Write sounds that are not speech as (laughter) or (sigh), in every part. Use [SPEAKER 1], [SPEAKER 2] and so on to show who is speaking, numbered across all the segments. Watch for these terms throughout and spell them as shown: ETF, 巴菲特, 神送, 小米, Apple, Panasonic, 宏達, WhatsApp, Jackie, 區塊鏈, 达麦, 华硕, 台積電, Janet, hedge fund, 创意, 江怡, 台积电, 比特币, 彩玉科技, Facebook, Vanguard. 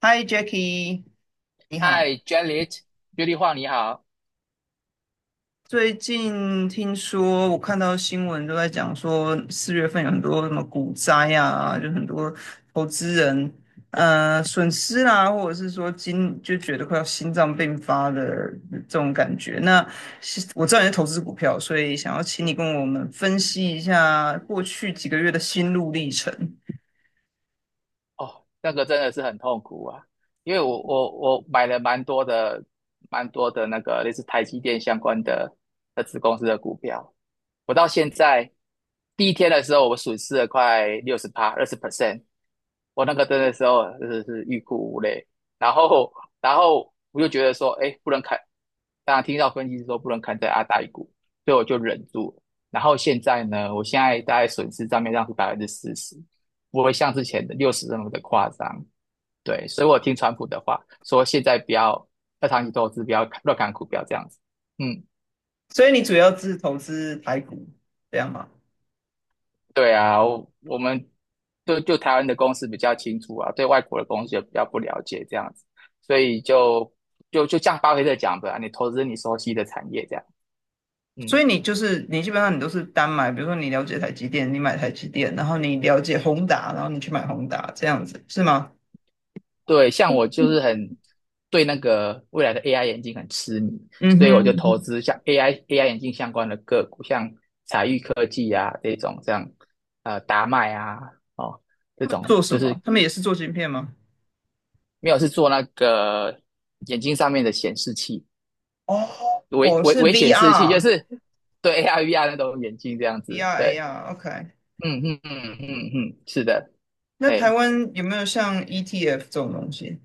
[SPEAKER 1] 嗨，Jackie，你
[SPEAKER 2] 嗨
[SPEAKER 1] 好。
[SPEAKER 2] ，Janet，雪丽华，你好。
[SPEAKER 1] 最近听说，我看到新闻都在讲说，四月份有很多什么股灾啊，就很多投资人损失啦、或者是说今就觉得快要心脏病发的这种感觉。那是我知道你是投资股票，所以想要请你跟我们分析一下过去几个月的心路历程。
[SPEAKER 2] 哦，那个真的是很痛苦啊，因为我买了蛮多的那个类似台积电相关的子公司的股票，我到现在第一天的时候，我损失了快60%，20%。我那个真的时候啊真的是欲哭无泪。然后，然后我就觉得说，哎，不能砍。当然听到分析师说不能砍在阿达一股，所以我就忍住了。然后现在呢，我现在大概损失账面上是40%，不会像之前的六十那么的夸张。对，所以我听川普的话，说现在不要要长期投资，不要乱砍股票这样子。嗯。
[SPEAKER 1] 所以你主要是投资台股，这样吗？
[SPEAKER 2] 对啊，我们就台湾的公司比较清楚啊，对外国的公司也比较不了解这样子，所以就像巴菲特讲的啊，你投资你熟悉的产业这样。
[SPEAKER 1] 所
[SPEAKER 2] 嗯，
[SPEAKER 1] 以你就是你基本上你都是单买，比如说你了解台积电，你买台积电，然后你了解宏达，然后你去买宏达，这样子是吗？
[SPEAKER 2] 对，像我就是很对那个未来的 AI 眼镜很痴迷，
[SPEAKER 1] 嗯哼，
[SPEAKER 2] 所以我就
[SPEAKER 1] 嗯
[SPEAKER 2] 投
[SPEAKER 1] 哼。
[SPEAKER 2] 资像 AI 眼镜相关的个股，像彩玉科技啊这种，这样达麦啊哦这种，
[SPEAKER 1] 做什
[SPEAKER 2] 就是
[SPEAKER 1] 么？他们也是做晶片吗？
[SPEAKER 2] 没有是做那个眼睛上面的显示器。
[SPEAKER 1] 哦，
[SPEAKER 2] 危
[SPEAKER 1] 哦，
[SPEAKER 2] 危
[SPEAKER 1] 是
[SPEAKER 2] 危险时期，就 是对 AR、VR 那种眼镜这样子。
[SPEAKER 1] VR、
[SPEAKER 2] 对，
[SPEAKER 1] AR，OK。
[SPEAKER 2] 嗯嗯嗯嗯嗯，是的，
[SPEAKER 1] 那台
[SPEAKER 2] 哎，
[SPEAKER 1] 湾有没有像 ETF 这种东西？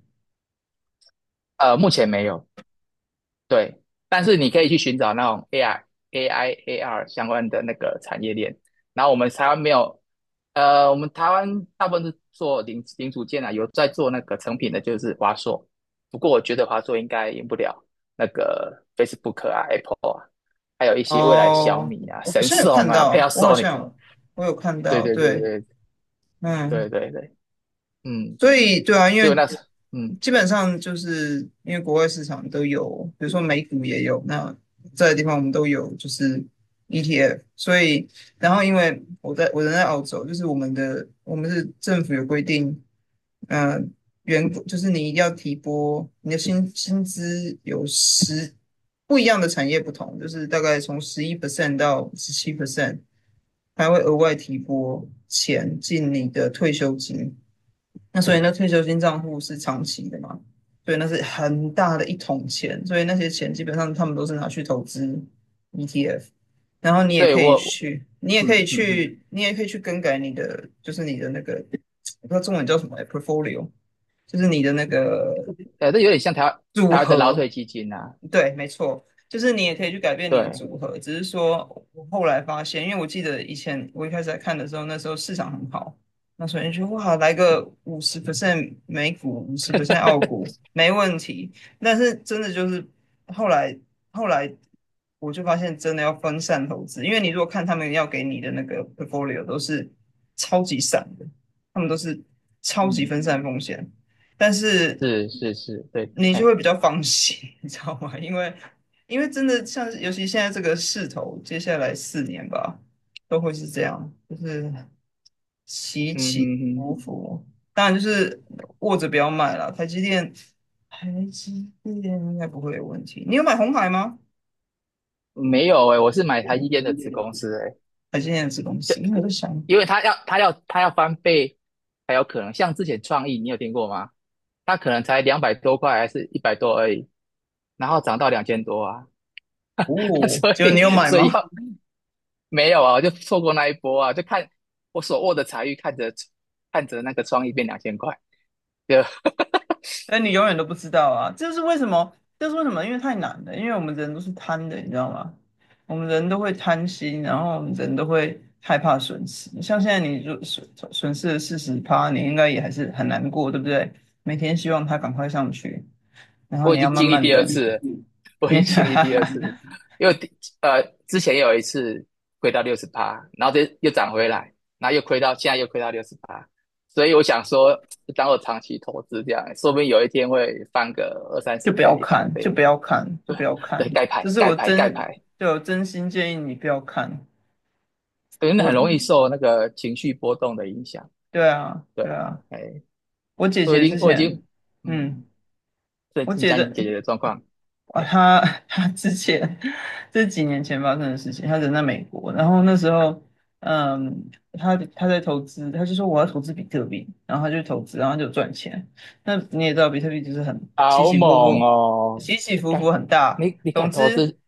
[SPEAKER 2] 目前没有，对，但是你可以去寻找那种 AR、AI、AR 相关的那个产业链。然后我们台湾没有，我们台湾大部分是做零组件啊，有在做那个成品的，就是华硕。不过我觉得华硕应该赢不了那个 Facebook 啊、Apple 啊，还有一些未来小
[SPEAKER 1] 哦，
[SPEAKER 2] 米啊、
[SPEAKER 1] 我好
[SPEAKER 2] 神
[SPEAKER 1] 像有
[SPEAKER 2] 送
[SPEAKER 1] 看
[SPEAKER 2] 啊、
[SPEAKER 1] 到，
[SPEAKER 2] Panasonic。
[SPEAKER 1] 我有看
[SPEAKER 2] 对
[SPEAKER 1] 到，
[SPEAKER 2] 对对
[SPEAKER 1] 对，
[SPEAKER 2] 对
[SPEAKER 1] 嗯，
[SPEAKER 2] 对对对，嗯，
[SPEAKER 1] 所以对啊，
[SPEAKER 2] 所以我那时，嗯，
[SPEAKER 1] 基本上就是因为国外市场都有，比如说美股也有，那这个地方我们都有就是 ETF，所以然后因为我人在澳洲，就是我们是政府有规定，嗯，员工就是你一定要提拨你的薪资有不一样的产业不同，就是大概从十一 percent 到十七 percent，还会额外提拨钱进你的退休金。那所以那退休金账户是长期的嘛，所以那是很大的一桶钱，所以那些钱基本上他们都是拿去投资 ETF，然后
[SPEAKER 2] 对我，嗯嗯嗯，
[SPEAKER 1] 你也可以去更改你的，就是你的那个，我不知道中文叫什么欸，portfolio，就是你的那个
[SPEAKER 2] 这有点像台湾
[SPEAKER 1] 组
[SPEAKER 2] 台湾的劳
[SPEAKER 1] 合，
[SPEAKER 2] 退基金啊，
[SPEAKER 1] 对，没错，就是你也可以去改变你的
[SPEAKER 2] 对，
[SPEAKER 1] 组合。只是说，我后来发现，因为我记得以前我一开始在看的时候，那时候市场很好，那时候你说哇，来个五十 percent 美股，五十 percent 澳股，没问题。但是真的就是后来后来我就发现，真的要分散投资，因为你如果看他们要给你的那个 portfolio 都是超级散的，他们都是超级
[SPEAKER 2] 嗯，
[SPEAKER 1] 分散风险。但是
[SPEAKER 2] 是是是，对，
[SPEAKER 1] 你就
[SPEAKER 2] 哎，
[SPEAKER 1] 会比较放心，(laughs) 你知道吗？因为真的像是，尤其现在这个势头，接下来四年吧，都会是这样，就是起
[SPEAKER 2] 嗯
[SPEAKER 1] 起
[SPEAKER 2] 嗯
[SPEAKER 1] 伏伏。当然就是握着不要卖了，台积电，台积电应该不会有问题。你有买红海吗？
[SPEAKER 2] 嗯，没有哎、我是买台积电的子公司哎、
[SPEAKER 1] 台积电的子公司，因为我在想，
[SPEAKER 2] 因为它要翻倍才有可能，像之前创意你有听过吗？它可能才200多块还是100多而已，然后涨到2000多啊，(laughs)
[SPEAKER 1] 哦，
[SPEAKER 2] 所
[SPEAKER 1] 结果你有
[SPEAKER 2] 以
[SPEAKER 1] 买
[SPEAKER 2] 所以
[SPEAKER 1] 吗？
[SPEAKER 2] 要没有啊，我就错过那一波啊，就看我手握的财运，看着看着那个创意变2000块，就
[SPEAKER 1] 但你永远都不知道啊，这是为什么？这是为什么？因为太难了，因为我们人都是贪的，你知道吗？我们人都会贪心，然后我们人都会害怕损失。像现在你损失了四十趴，你应该也还是很难过，对不对？每天希望它赶快上去，然
[SPEAKER 2] (laughs)
[SPEAKER 1] 后
[SPEAKER 2] 我已
[SPEAKER 1] 你要
[SPEAKER 2] 经
[SPEAKER 1] 慢
[SPEAKER 2] 经历
[SPEAKER 1] 慢
[SPEAKER 2] 第二
[SPEAKER 1] 等，
[SPEAKER 2] 次了，(laughs) 我已
[SPEAKER 1] 你
[SPEAKER 2] 经经历第二次
[SPEAKER 1] (laughs)
[SPEAKER 2] 了。因为呃之前有一次亏到六十八，然后这又涨回来，然后又亏到现在又亏到六十八，所以我想说，当我长期投资这样，说不定有一天会翻个二三
[SPEAKER 1] 就
[SPEAKER 2] 十
[SPEAKER 1] 不要
[SPEAKER 2] 倍、一百
[SPEAKER 1] 看，就
[SPEAKER 2] 倍，
[SPEAKER 1] 不要看，就不要看。
[SPEAKER 2] 对，盖
[SPEAKER 1] 这
[SPEAKER 2] 牌
[SPEAKER 1] 是
[SPEAKER 2] 盖
[SPEAKER 1] 我
[SPEAKER 2] 牌盖
[SPEAKER 1] 真，
[SPEAKER 2] 牌，
[SPEAKER 1] 对，我真心建议你不要看。
[SPEAKER 2] 对，那
[SPEAKER 1] 我，
[SPEAKER 2] 很容易受那个情绪波动的影响，
[SPEAKER 1] 对啊，
[SPEAKER 2] 对
[SPEAKER 1] 对
[SPEAKER 2] 啊，
[SPEAKER 1] 啊，
[SPEAKER 2] 哎，
[SPEAKER 1] 我姐
[SPEAKER 2] 我已
[SPEAKER 1] 姐
[SPEAKER 2] 经
[SPEAKER 1] 之
[SPEAKER 2] 我已经。
[SPEAKER 1] 前，
[SPEAKER 2] 嗯，
[SPEAKER 1] 嗯。
[SPEAKER 2] 最
[SPEAKER 1] 我
[SPEAKER 2] 近
[SPEAKER 1] 姐
[SPEAKER 2] 江
[SPEAKER 1] 的
[SPEAKER 2] 怡姐姐的状况，
[SPEAKER 1] 哇，
[SPEAKER 2] 对，
[SPEAKER 1] 他 (laughs) 他之前这几年前发生的事情，他人在美国，然后那时候，嗯，他在投资，他就说我要投资比特币，然后他就投资，然后他就赚钱。那你也知道，比特币就是很起
[SPEAKER 2] 好
[SPEAKER 1] 起伏
[SPEAKER 2] 猛
[SPEAKER 1] 伏，
[SPEAKER 2] 哦！
[SPEAKER 1] 起起
[SPEAKER 2] 你
[SPEAKER 1] 伏伏
[SPEAKER 2] 敢，
[SPEAKER 1] 很大。
[SPEAKER 2] 你你
[SPEAKER 1] 总
[SPEAKER 2] 敢投
[SPEAKER 1] 之，
[SPEAKER 2] 资，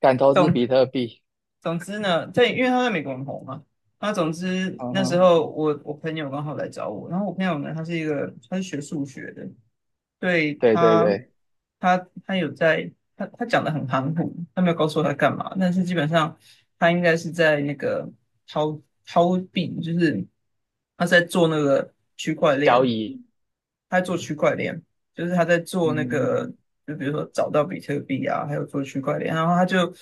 [SPEAKER 2] 敢投资
[SPEAKER 1] 总
[SPEAKER 2] 比特币？
[SPEAKER 1] 总之呢，因为他在美国很红嘛，那总之
[SPEAKER 2] 嗯
[SPEAKER 1] 那时
[SPEAKER 2] 哼，
[SPEAKER 1] 候我朋友刚好来找我，然后我朋友呢，他是学数学的，对
[SPEAKER 2] 对对
[SPEAKER 1] 他，
[SPEAKER 2] 对，
[SPEAKER 1] 他他有在，他讲的很含糊，他没有告诉我他干嘛，但是基本上他应该是在那个掏掏币，他在做那个区块
[SPEAKER 2] 交
[SPEAKER 1] 链，
[SPEAKER 2] 易，
[SPEAKER 1] 他在做区块链，就是他在做那
[SPEAKER 2] 嗯，
[SPEAKER 1] 个，就比如说找到比特币啊，还有做区块链，然后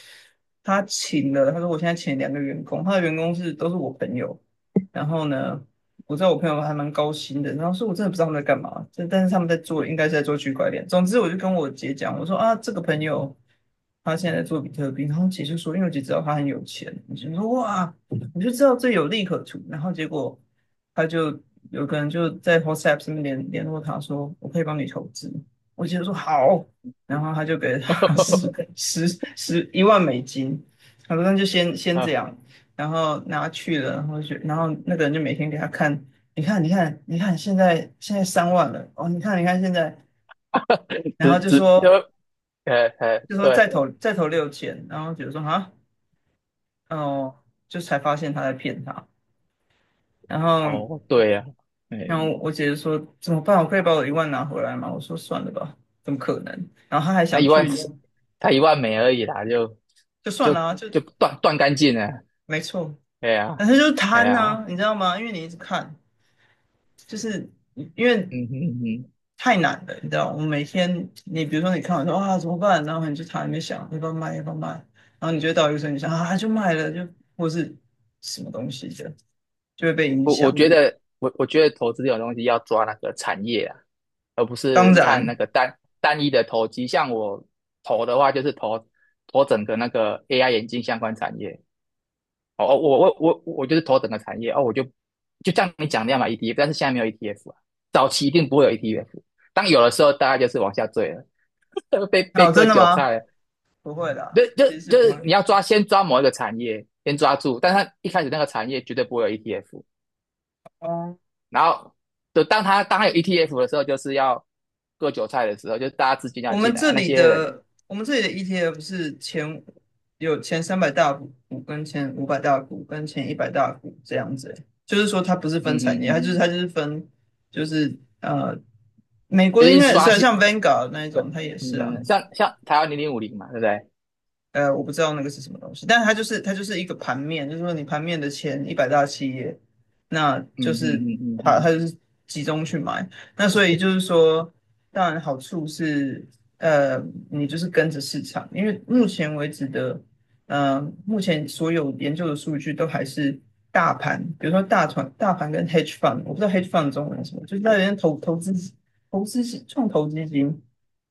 [SPEAKER 1] 他请了，他说我现在请两个员工，他的员工都是我朋友，然后呢，我知道我朋友还蛮高薪的，然后说我真的不知道他们在干嘛，但是他们在做，应该是在做区块链。总之，我就跟我姐讲，我说啊，这个朋友他现在在做比特币，然后姐就说，因为我姐知道他很有钱，我就说哇，我就知道这有利可图。然后结果他就有个人就在 WhatsApp 上面联络他说，我可以帮你投资。我姐就说好，然后他就给了他 (laughs) 十
[SPEAKER 2] (laughs)
[SPEAKER 1] 十十一万美金，他说那就先这
[SPEAKER 2] 啊，
[SPEAKER 1] 样，然后拿去了，然后然后那个人就每天给他看，你看你看你看，现在三万了哦，你看你看现在，然
[SPEAKER 2] 只
[SPEAKER 1] 后就
[SPEAKER 2] 只
[SPEAKER 1] 说
[SPEAKER 2] 就，
[SPEAKER 1] 就说再
[SPEAKER 2] 对，
[SPEAKER 1] 投再投六千，然后姐姐说啊哦，就才发现他在骗他，然后
[SPEAKER 2] 哦，对呀、啊，哎，
[SPEAKER 1] 然后我姐姐说怎么办？我可以把我一万拿回来吗？我说算了吧，怎么可能？然后他还
[SPEAKER 2] 他
[SPEAKER 1] 想
[SPEAKER 2] 一万
[SPEAKER 1] 去，
[SPEAKER 2] 四，他一万美而已啦，
[SPEAKER 1] 就算了
[SPEAKER 2] 就
[SPEAKER 1] 啊，就
[SPEAKER 2] 就断干净了，
[SPEAKER 1] 没错，
[SPEAKER 2] 哎
[SPEAKER 1] 但
[SPEAKER 2] 呀、
[SPEAKER 1] 是就是
[SPEAKER 2] 哎
[SPEAKER 1] 贪
[SPEAKER 2] 呀、
[SPEAKER 1] 啊，你知道吗？因为你一直看，就是因为。
[SPEAKER 2] 嗯哼嗯哼。
[SPEAKER 1] 太难了，你知道，我每天你比如说你看完说啊怎么办，然后你就躺在那边想要不要卖要不要卖，然后你就会到一个时候你想啊就卖了就或是什么东西的，就会被影
[SPEAKER 2] 我我
[SPEAKER 1] 响。
[SPEAKER 2] 觉得我我觉得投资这种东西要抓那个产业啊，而不
[SPEAKER 1] 当
[SPEAKER 2] 是看
[SPEAKER 1] 然，
[SPEAKER 2] 那个单单一的投机。像我投的话，就是投整个那个 AI 眼镜相关产业。哦，哦我就是投整个产业哦，我就像你讲的要买 ETF，但是现在没有 ETF 啊，早期一定不会有 ETF。当有的时候，大家就是往下坠了，(laughs) 被
[SPEAKER 1] 哦，
[SPEAKER 2] 割
[SPEAKER 1] 真的
[SPEAKER 2] 韭
[SPEAKER 1] 吗？
[SPEAKER 2] 菜了。
[SPEAKER 1] 不会啦，
[SPEAKER 2] 就就
[SPEAKER 1] 其实是
[SPEAKER 2] 就
[SPEAKER 1] 不
[SPEAKER 2] 是
[SPEAKER 1] 会。
[SPEAKER 2] 你要抓，先抓某一个产业，先抓住，但是它一开始那个产业绝对不会有 ETF，
[SPEAKER 1] 哦
[SPEAKER 2] 然后就当他有 ETF 的时候，就是要割韭菜的时候，就是大家资金要进来，啊那些人，
[SPEAKER 1] 我们这里的 ETF 有前三百大股跟前五百大股跟前一百大股这样子欸就是说它不是分
[SPEAKER 2] 嗯嗯
[SPEAKER 1] 产业，它
[SPEAKER 2] 嗯，
[SPEAKER 1] 就是它就是分就是呃，美国
[SPEAKER 2] 就
[SPEAKER 1] 的应
[SPEAKER 2] 是
[SPEAKER 1] 该也是
[SPEAKER 2] 刷
[SPEAKER 1] 啊，
[SPEAKER 2] 新，
[SPEAKER 1] 像 Vanguard 那一
[SPEAKER 2] 呃
[SPEAKER 1] 种，它也
[SPEAKER 2] 嗯
[SPEAKER 1] 是
[SPEAKER 2] 嗯，
[SPEAKER 1] 啊。
[SPEAKER 2] 嗯像台湾0050嘛，对不对？
[SPEAKER 1] 我不知道那个是什么东西，但它就是一个盘面，就是说你盘面的前一百大企业，那
[SPEAKER 2] 嗯
[SPEAKER 1] 就
[SPEAKER 2] 嗯
[SPEAKER 1] 是
[SPEAKER 2] 嗯嗯
[SPEAKER 1] 它它
[SPEAKER 2] 嗯，
[SPEAKER 1] 就是集中去买，那所以就是说，当然好处是，呃，你就是跟着市场，因为目前为止的，目前所有研究的数据都还是大盘，比如说大盘跟 hedge fund，我不知道 hedge fund 的中文是什么，就是那人投资是创投基金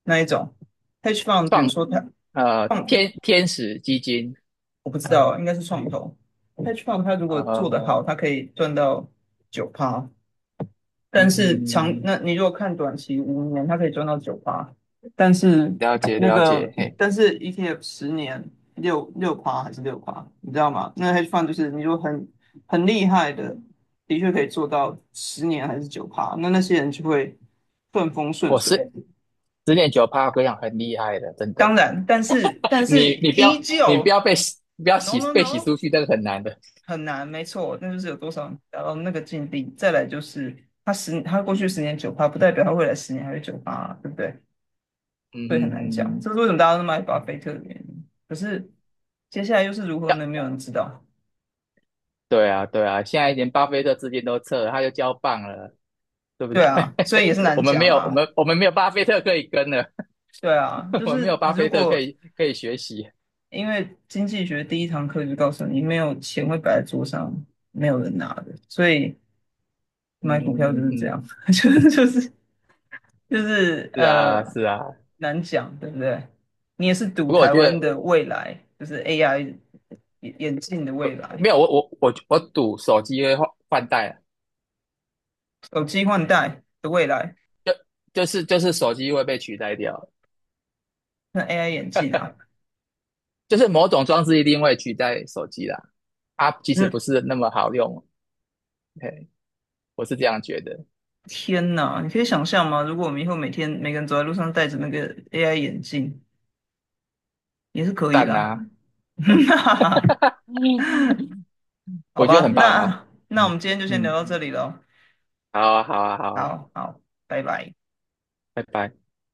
[SPEAKER 1] 那一种 hedge fund，比如
[SPEAKER 2] 创
[SPEAKER 1] 说它。创
[SPEAKER 2] 天使基金，
[SPEAKER 1] 我不知道，应该是创投。hedge fund 它如果做
[SPEAKER 2] 呃
[SPEAKER 1] 得好，它可以赚到九趴，
[SPEAKER 2] 嗯
[SPEAKER 1] 但是
[SPEAKER 2] 嗯
[SPEAKER 1] 长，
[SPEAKER 2] 嗯嗯，
[SPEAKER 1] 那你如果看短期五年，它可以赚到九趴，但是
[SPEAKER 2] 了解
[SPEAKER 1] 那
[SPEAKER 2] 了
[SPEAKER 1] 个
[SPEAKER 2] 解，嘿，
[SPEAKER 1] ETF 十年六趴还是六趴，你知道吗？那 hedge fund 就是你如果很厉害的，的确可以做到十年还是九趴，那些人就会顺风顺
[SPEAKER 2] 我
[SPEAKER 1] 水。
[SPEAKER 2] 是10.9%，我跟你讲很厉害的，真
[SPEAKER 1] 当
[SPEAKER 2] 的，
[SPEAKER 1] 然，但是
[SPEAKER 2] 你你不要
[SPEAKER 1] 依
[SPEAKER 2] 你不
[SPEAKER 1] 旧
[SPEAKER 2] 要被洗不要
[SPEAKER 1] ，no
[SPEAKER 2] 洗
[SPEAKER 1] no
[SPEAKER 2] 被洗
[SPEAKER 1] no。
[SPEAKER 2] 出去，那个很难的，
[SPEAKER 1] 很难，没错，那就是有多少人达到那个境地。再来就是他过去十年九趴，不代表他未来十年还是九趴啊对不对？
[SPEAKER 2] 嗯
[SPEAKER 1] 所以
[SPEAKER 2] 嗯
[SPEAKER 1] 很难
[SPEAKER 2] 嗯
[SPEAKER 1] 讲，
[SPEAKER 2] 嗯，
[SPEAKER 1] 这是为什么大家都买巴菲特的原因。可是接下来又是如何呢？
[SPEAKER 2] 要
[SPEAKER 1] 没有人知道。
[SPEAKER 2] 对啊，对啊，现在连巴菲特资金都撤了，他就交棒了，对不对？
[SPEAKER 1] 对啊，所以也是
[SPEAKER 2] (laughs) 我
[SPEAKER 1] 难
[SPEAKER 2] 们
[SPEAKER 1] 讲
[SPEAKER 2] 没有，我
[SPEAKER 1] 啊。
[SPEAKER 2] 们我们没有巴菲特可以跟了，
[SPEAKER 1] 对啊，
[SPEAKER 2] (laughs)
[SPEAKER 1] 就
[SPEAKER 2] 我们没
[SPEAKER 1] 是
[SPEAKER 2] 有巴
[SPEAKER 1] 如
[SPEAKER 2] 菲特可
[SPEAKER 1] 果
[SPEAKER 2] 以可以学习。
[SPEAKER 1] 因为经济学第一堂课就告诉你，没有钱会摆在桌上，没有人拿的，所以
[SPEAKER 2] 嗯
[SPEAKER 1] 买股票就
[SPEAKER 2] 嗯嗯
[SPEAKER 1] 是这
[SPEAKER 2] 嗯，
[SPEAKER 1] 样，(laughs) 就是就是就是
[SPEAKER 2] 是啊是啊。
[SPEAKER 1] 难讲，对不对？你也是赌
[SPEAKER 2] 不过我
[SPEAKER 1] 台
[SPEAKER 2] 觉
[SPEAKER 1] 湾
[SPEAKER 2] 得
[SPEAKER 1] 的未来，就是 AI 眼镜的未来，
[SPEAKER 2] 没有，我赌手机会换代啊
[SPEAKER 1] 手机换代的未来，
[SPEAKER 2] 就就是手机会被取代掉，
[SPEAKER 1] 那 AI 眼镜啊，
[SPEAKER 2] 就是某种装置一定会取代手机啦。啊，其实
[SPEAKER 1] 嗯，
[SPEAKER 2] 不是那么好用，嘿，我是这样觉得。
[SPEAKER 1] 天哪，你可以想象吗？如果我们以后每天每个人走在路上戴着那个 AI 眼镜，也是可以
[SPEAKER 2] 赞
[SPEAKER 1] 啦。
[SPEAKER 2] 啊，
[SPEAKER 1] (laughs) 那好
[SPEAKER 2] 我觉得
[SPEAKER 1] 吧，
[SPEAKER 2] 很棒啊。
[SPEAKER 1] 那我
[SPEAKER 2] 嗯
[SPEAKER 1] 们今天就先聊
[SPEAKER 2] 嗯，
[SPEAKER 1] 到这里喽。
[SPEAKER 2] 好啊好啊好啊。
[SPEAKER 1] 好好，拜拜。
[SPEAKER 2] 拜拜。